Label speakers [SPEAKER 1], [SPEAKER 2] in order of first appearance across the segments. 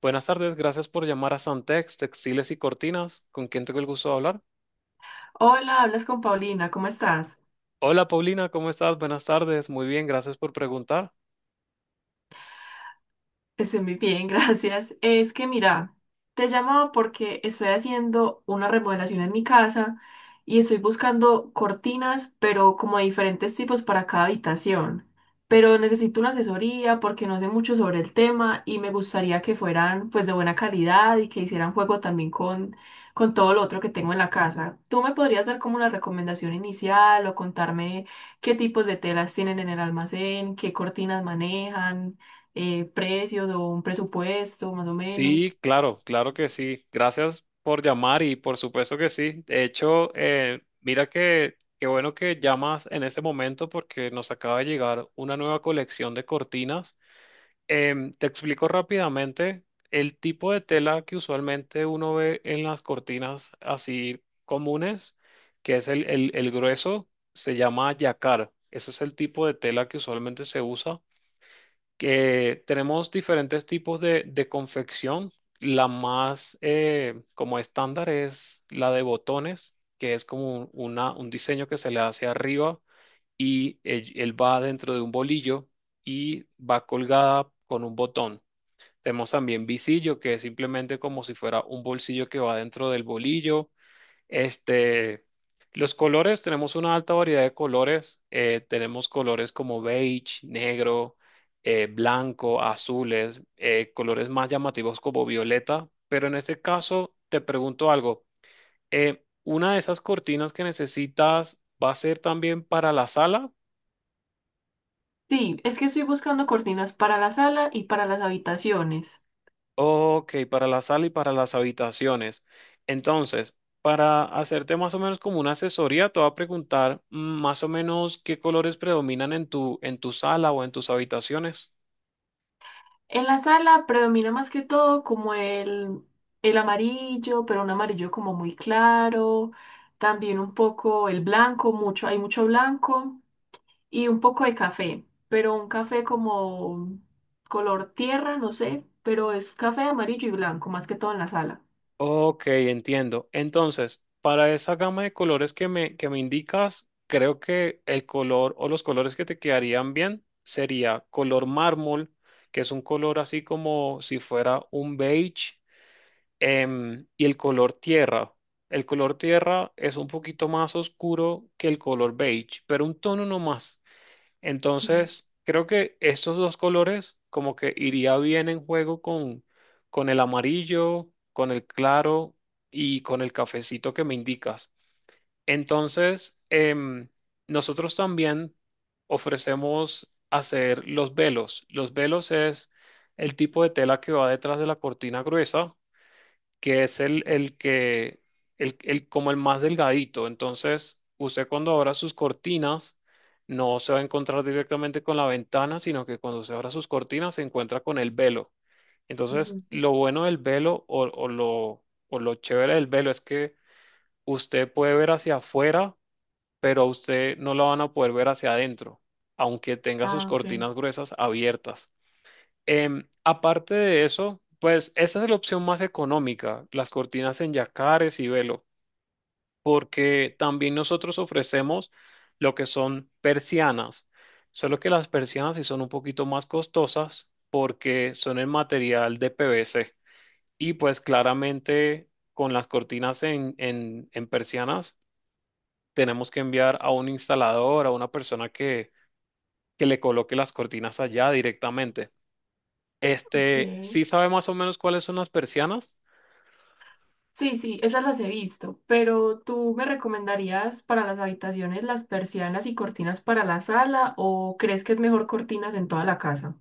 [SPEAKER 1] Buenas tardes, gracias por llamar a Santex, Textiles y Cortinas. ¿Con quién tengo el gusto de hablar?
[SPEAKER 2] Hola, hablas con Paulina, ¿cómo estás?
[SPEAKER 1] Hola Paulina, ¿cómo estás? Buenas tardes, muy bien, gracias por preguntar.
[SPEAKER 2] Estoy muy bien, gracias. Es que mira, te llamaba porque estoy haciendo una remodelación en mi casa y estoy buscando cortinas, pero como de diferentes tipos para cada habitación. Pero necesito una asesoría porque no sé mucho sobre el tema y me gustaría que fueran pues de buena calidad y que hicieran juego también con todo lo otro que tengo en la casa. ¿Tú me podrías dar como una recomendación inicial o contarme qué tipos de telas tienen en el almacén, qué cortinas manejan? Precios o un presupuesto más o
[SPEAKER 1] Sí,
[SPEAKER 2] menos.
[SPEAKER 1] claro, claro que sí. Gracias por llamar y por supuesto que sí. De hecho, mira que qué bueno que llamas en este momento porque nos acaba de llegar una nueva colección de cortinas. Te explico rápidamente el tipo de tela que usualmente uno ve en las cortinas así comunes, que es el grueso, se llama yacar. Ese es el tipo de tela que usualmente se usa. Que tenemos diferentes tipos de confección. La más como estándar es la de botones, que es como un diseño que se le hace arriba y él va dentro de un bolillo y va colgada con un botón. Tenemos también visillo, que es simplemente como si fuera un bolsillo que va dentro del bolillo. Este, los colores, tenemos una alta variedad de colores. Tenemos colores como beige, negro, blanco, azules, colores más llamativos como violeta. Pero en este caso, te pregunto algo. ¿Una de esas cortinas que necesitas va a ser también para la sala?
[SPEAKER 2] Sí, es que estoy buscando cortinas para la sala y para las habitaciones.
[SPEAKER 1] Ok, para la sala y para las habitaciones. Entonces, para hacerte más o menos como una asesoría, te voy a preguntar más o menos qué colores predominan en tu sala o en tus habitaciones.
[SPEAKER 2] En la sala predomina más que todo como el amarillo, pero un amarillo como muy claro, también un poco el blanco, mucho, hay mucho blanco y un poco de café, pero un café como color tierra, no sé, pero es café amarillo y blanco, más que todo en la sala.
[SPEAKER 1] Ok, entiendo. Entonces, para esa gama de colores que que me indicas, creo que el color o los colores que te quedarían bien sería color mármol, que es un color así como si fuera un beige. Y el color tierra. El color tierra es un poquito más oscuro que el color beige, pero un tono no más.
[SPEAKER 2] Mm,
[SPEAKER 1] Entonces, creo que estos dos colores como que iría bien en juego con el amarillo, con el claro y con el cafecito que me indicas. Entonces, em, nosotros también ofrecemos hacer los velos. Los velos es el tipo de tela que va detrás de la cortina gruesa que es el que como el más delgadito. Entonces, usted cuando abra sus cortinas, no se va a encontrar directamente con la ventana, sino que cuando se abra sus cortinas se encuentra con el velo. Entonces,
[SPEAKER 2] ujú.
[SPEAKER 1] lo bueno del velo o lo chévere del velo es que usted puede ver hacia afuera, pero a usted no lo van a poder ver hacia adentro, aunque tenga sus
[SPEAKER 2] Ah, ok,
[SPEAKER 1] cortinas gruesas abiertas. Aparte de eso, pues esa es la opción más económica, las cortinas en yacares y velo, porque también nosotros ofrecemos lo que son persianas, solo que las persianas sí son un poquito más costosas porque son en material de PVC y pues claramente con las cortinas en persianas tenemos que enviar a un instalador, a una persona que le coloque las cortinas allá directamente.
[SPEAKER 2] ok.
[SPEAKER 1] Sí sabe más o menos cuáles son las persianas.
[SPEAKER 2] Sí, sí, esas las he visto, pero ¿tú me recomendarías para las habitaciones las persianas y cortinas para la sala o crees que es mejor cortinas en toda la casa?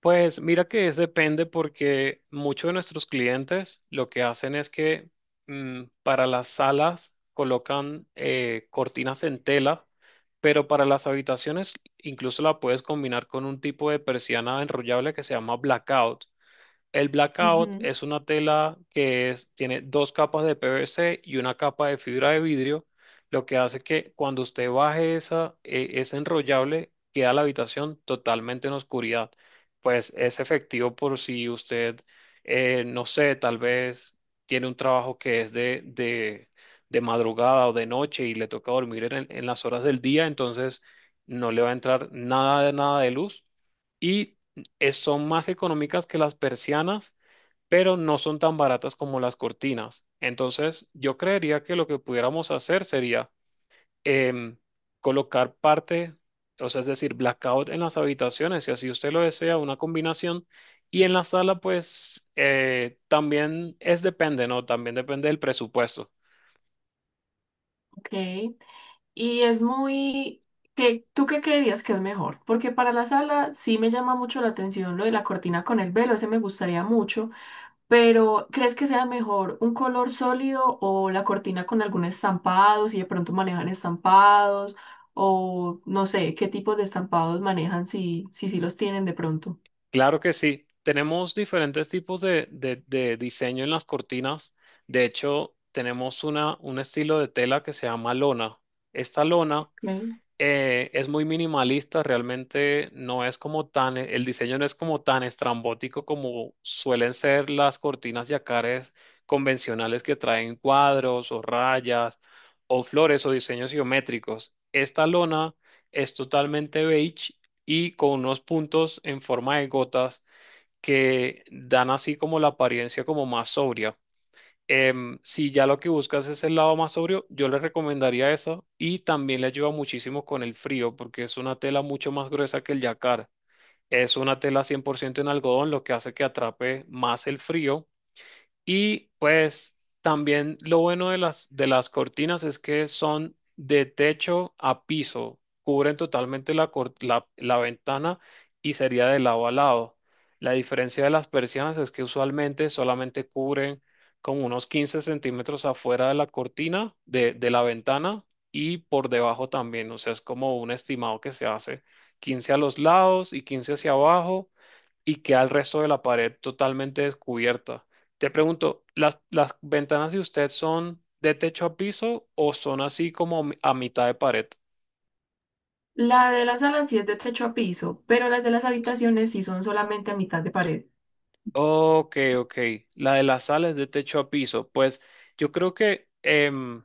[SPEAKER 1] Pues mira que es depende porque muchos de nuestros clientes lo que hacen es que para las salas colocan cortinas en tela, pero para las habitaciones incluso la puedes combinar con un tipo de persiana enrollable que se llama blackout. El blackout
[SPEAKER 2] Ujú.
[SPEAKER 1] es una tela que tiene dos capas de PVC y una capa de fibra de vidrio, lo que hace que cuando usted baje ese enrollable, queda la habitación totalmente en oscuridad. Pues es efectivo por si usted, no sé, tal vez tiene un trabajo que es de madrugada o de noche y le toca dormir en las horas del día, entonces no le va a entrar nada de nada de luz. Y son más económicas que las persianas, pero no son tan baratas como las cortinas. Entonces, yo creería que lo que pudiéramos hacer sería em, colocar parte, o sea, es decir, blackout en las habitaciones, si así usted lo desea, una combinación. Y en la sala, pues, también es depende, ¿no? También depende del presupuesto.
[SPEAKER 2] Ok. Y es muy... ¿Qué, tú qué creerías que es mejor? Porque para la sala sí me llama mucho la atención lo de la cortina con el velo, ese me gustaría mucho. Pero, ¿crees que sea mejor un color sólido o la cortina con algún estampado, si de pronto manejan estampados, o no sé, qué tipo de estampados manejan si, si, sí los tienen de pronto?
[SPEAKER 1] Claro que sí. Tenemos diferentes tipos de diseño en las cortinas. De hecho, tenemos un estilo de tela que se llama lona. Esta lona
[SPEAKER 2] Ok.
[SPEAKER 1] es muy minimalista, realmente no es como tan, el diseño no es como tan estrambótico como suelen ser las cortinas yacares convencionales que traen cuadros o rayas o flores o diseños geométricos. Esta lona es totalmente beige y con unos puntos en forma de gotas que dan así como la apariencia como más sobria. Si ya lo que buscas es el lado más sobrio, yo les recomendaría eso y también le ayuda muchísimo con el frío porque es una tela mucho más gruesa que el yacar. Es una tela 100% en algodón, lo que hace que atrape más el frío y pues también lo bueno de las cortinas es que son de techo a piso, cubren totalmente la ventana y sería de lado a lado. La diferencia de las persianas es que usualmente solamente cubren como unos 15 centímetros afuera de la cortina, de la ventana y por debajo también. O sea, es como un estimado que se hace 15 a los lados y 15 hacia abajo y queda el resto de la pared totalmente descubierta. Te pregunto, ¿las ventanas de usted son de techo a piso o son así como a mitad de pared?
[SPEAKER 2] La de las salas sí es de techo a piso, pero las de las habitaciones sí son solamente a mitad de pared.
[SPEAKER 1] Ok, ok. La de la sala es de techo a piso. Pues yo creo que em,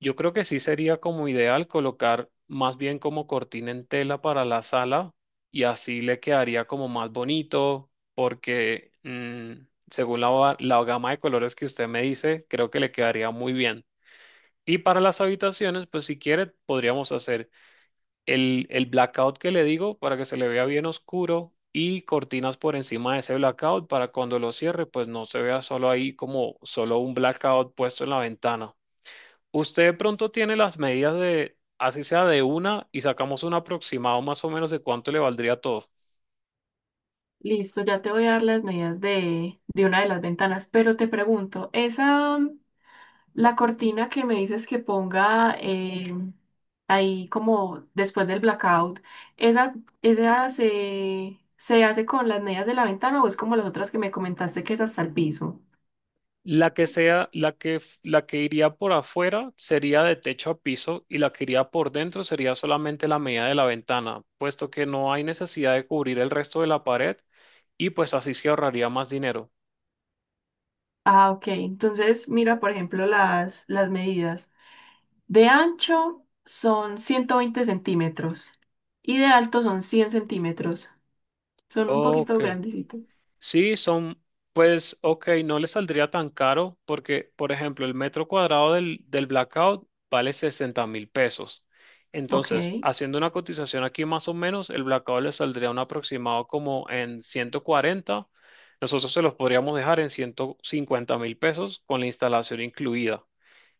[SPEAKER 1] yo creo que sí sería como ideal colocar más bien como cortina en tela para la sala y así le quedaría como más bonito porque según la gama de colores que usted me dice, creo que le quedaría muy bien. Y para las habitaciones, pues si quiere, podríamos hacer el blackout que le digo para que se le vea bien oscuro y cortinas por encima de ese blackout para cuando lo cierre, pues no se vea solo ahí como solo un blackout puesto en la ventana. Usted de pronto tiene las medidas de, así sea de una, y sacamos un aproximado más o menos de cuánto le valdría todo.
[SPEAKER 2] Listo, ya te voy a dar las medidas de, una de las ventanas, pero te pregunto, esa, la cortina que me dices que ponga ahí como después del blackout, ¿esa, esa se, hace con las medidas de la ventana o es como las otras que me comentaste que es hasta el piso?
[SPEAKER 1] La que sea, la que iría por afuera sería de techo a piso y la que iría por dentro sería solamente la medida de la ventana, puesto que no hay necesidad de cubrir el resto de la pared y pues así se ahorraría más dinero.
[SPEAKER 2] Ah, ok. Entonces, mira, por ejemplo, las medidas. De ancho son 120 cm y de alto son 100 cm. Son un poquito
[SPEAKER 1] Ok.
[SPEAKER 2] grandecitos.
[SPEAKER 1] Sí, son, pues, ok, no le saldría tan caro porque, por ejemplo, el metro cuadrado del Blackout vale 60.000 pesos.
[SPEAKER 2] Ok.
[SPEAKER 1] Entonces, haciendo una cotización aquí más o menos, el Blackout le saldría un aproximado como en 140. Nosotros se los podríamos dejar en 150.000 pesos con la instalación incluida.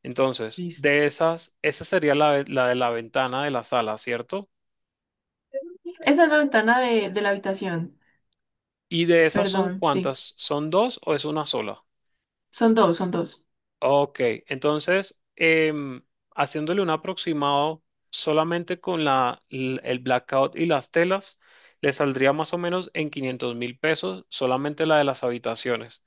[SPEAKER 1] Entonces,
[SPEAKER 2] Listo.
[SPEAKER 1] de esas, esa sería la de la ventana de la sala, ¿cierto?
[SPEAKER 2] Esa es la ventana de, la habitación.
[SPEAKER 1] ¿Y de esas son
[SPEAKER 2] Perdón, sí.
[SPEAKER 1] cuántas? ¿Son dos o es una sola?
[SPEAKER 2] Son dos, son dos.
[SPEAKER 1] Ok, entonces, haciéndole un aproximado solamente con el blackout y las telas, le saldría más o menos en 500.000 pesos solamente la de las habitaciones.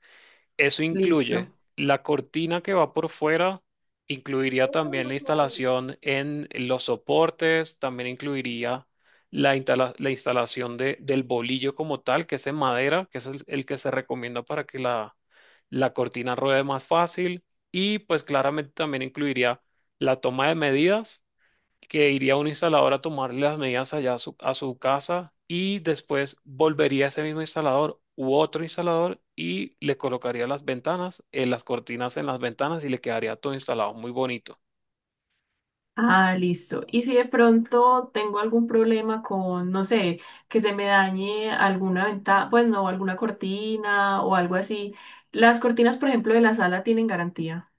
[SPEAKER 1] Eso incluye
[SPEAKER 2] Listo.
[SPEAKER 1] la cortina que va por fuera, incluiría también la instalación en los soportes, también incluiría la instalación del bolillo como tal, que es en madera, que es el que se recomienda para que la cortina ruede más fácil. Y pues claramente también incluiría la toma de medidas que iría un instalador a tomarle las medidas allá a su, casa y después volvería ese mismo instalador u otro instalador y le colocaría las ventanas, las cortinas en las ventanas y le quedaría todo instalado muy bonito.
[SPEAKER 2] Ah, listo. Y si de pronto tengo algún problema con, no sé, que se me dañe alguna ventana, pues no, alguna cortina o algo así. Las cortinas, por ejemplo, de la sala tienen garantía.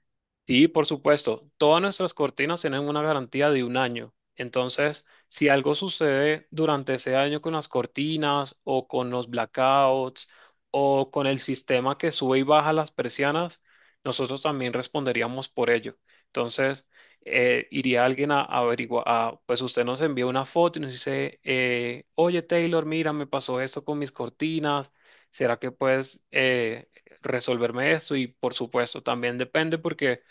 [SPEAKER 1] Sí, por supuesto. Todas nuestras cortinas tienen una garantía de un año. Entonces, si algo sucede durante ese año con las cortinas o con los blackouts o con el sistema que sube y baja las persianas, nosotros también responderíamos por ello. Entonces, iría alguien a averiguar, pues usted nos envía una foto y nos dice, oye Taylor, mira, me pasó esto con mis cortinas. ¿Será que puedes resolverme esto? Y por supuesto, también depende porque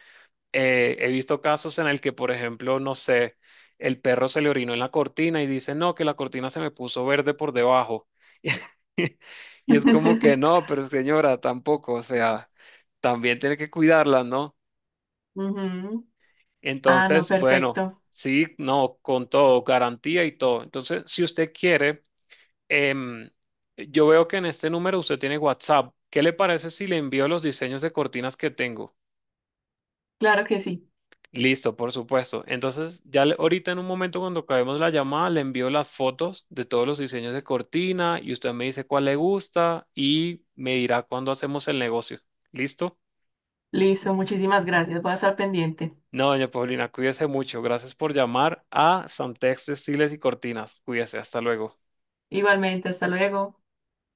[SPEAKER 1] he visto casos en el que, por ejemplo, no sé, el perro se le orinó en la cortina y dice, no, que la cortina se me puso verde por debajo. Y es como que no, pero señora, tampoco, o sea, también tiene que cuidarla, ¿no?
[SPEAKER 2] Ujú. Ah, no,
[SPEAKER 1] Entonces, bueno,
[SPEAKER 2] perfecto.
[SPEAKER 1] sí, no, con todo, garantía y todo. Entonces, si usted quiere, em, yo veo que en este número usted tiene WhatsApp. ¿Qué le parece si le envío los diseños de cortinas que tengo?
[SPEAKER 2] Claro que sí.
[SPEAKER 1] Listo, por supuesto. Entonces, ya ahorita en un momento cuando acabemos la llamada, le envío las fotos de todos los diseños de cortina y usted me dice cuál le gusta y me dirá cuándo hacemos el negocio. ¿Listo?
[SPEAKER 2] Listo, muchísimas gracias. Voy a estar pendiente.
[SPEAKER 1] No, doña Paulina, cuídese mucho. Gracias por llamar a Santex Estiles y Cortinas. Cuídese, hasta luego.
[SPEAKER 2] Igualmente, hasta luego.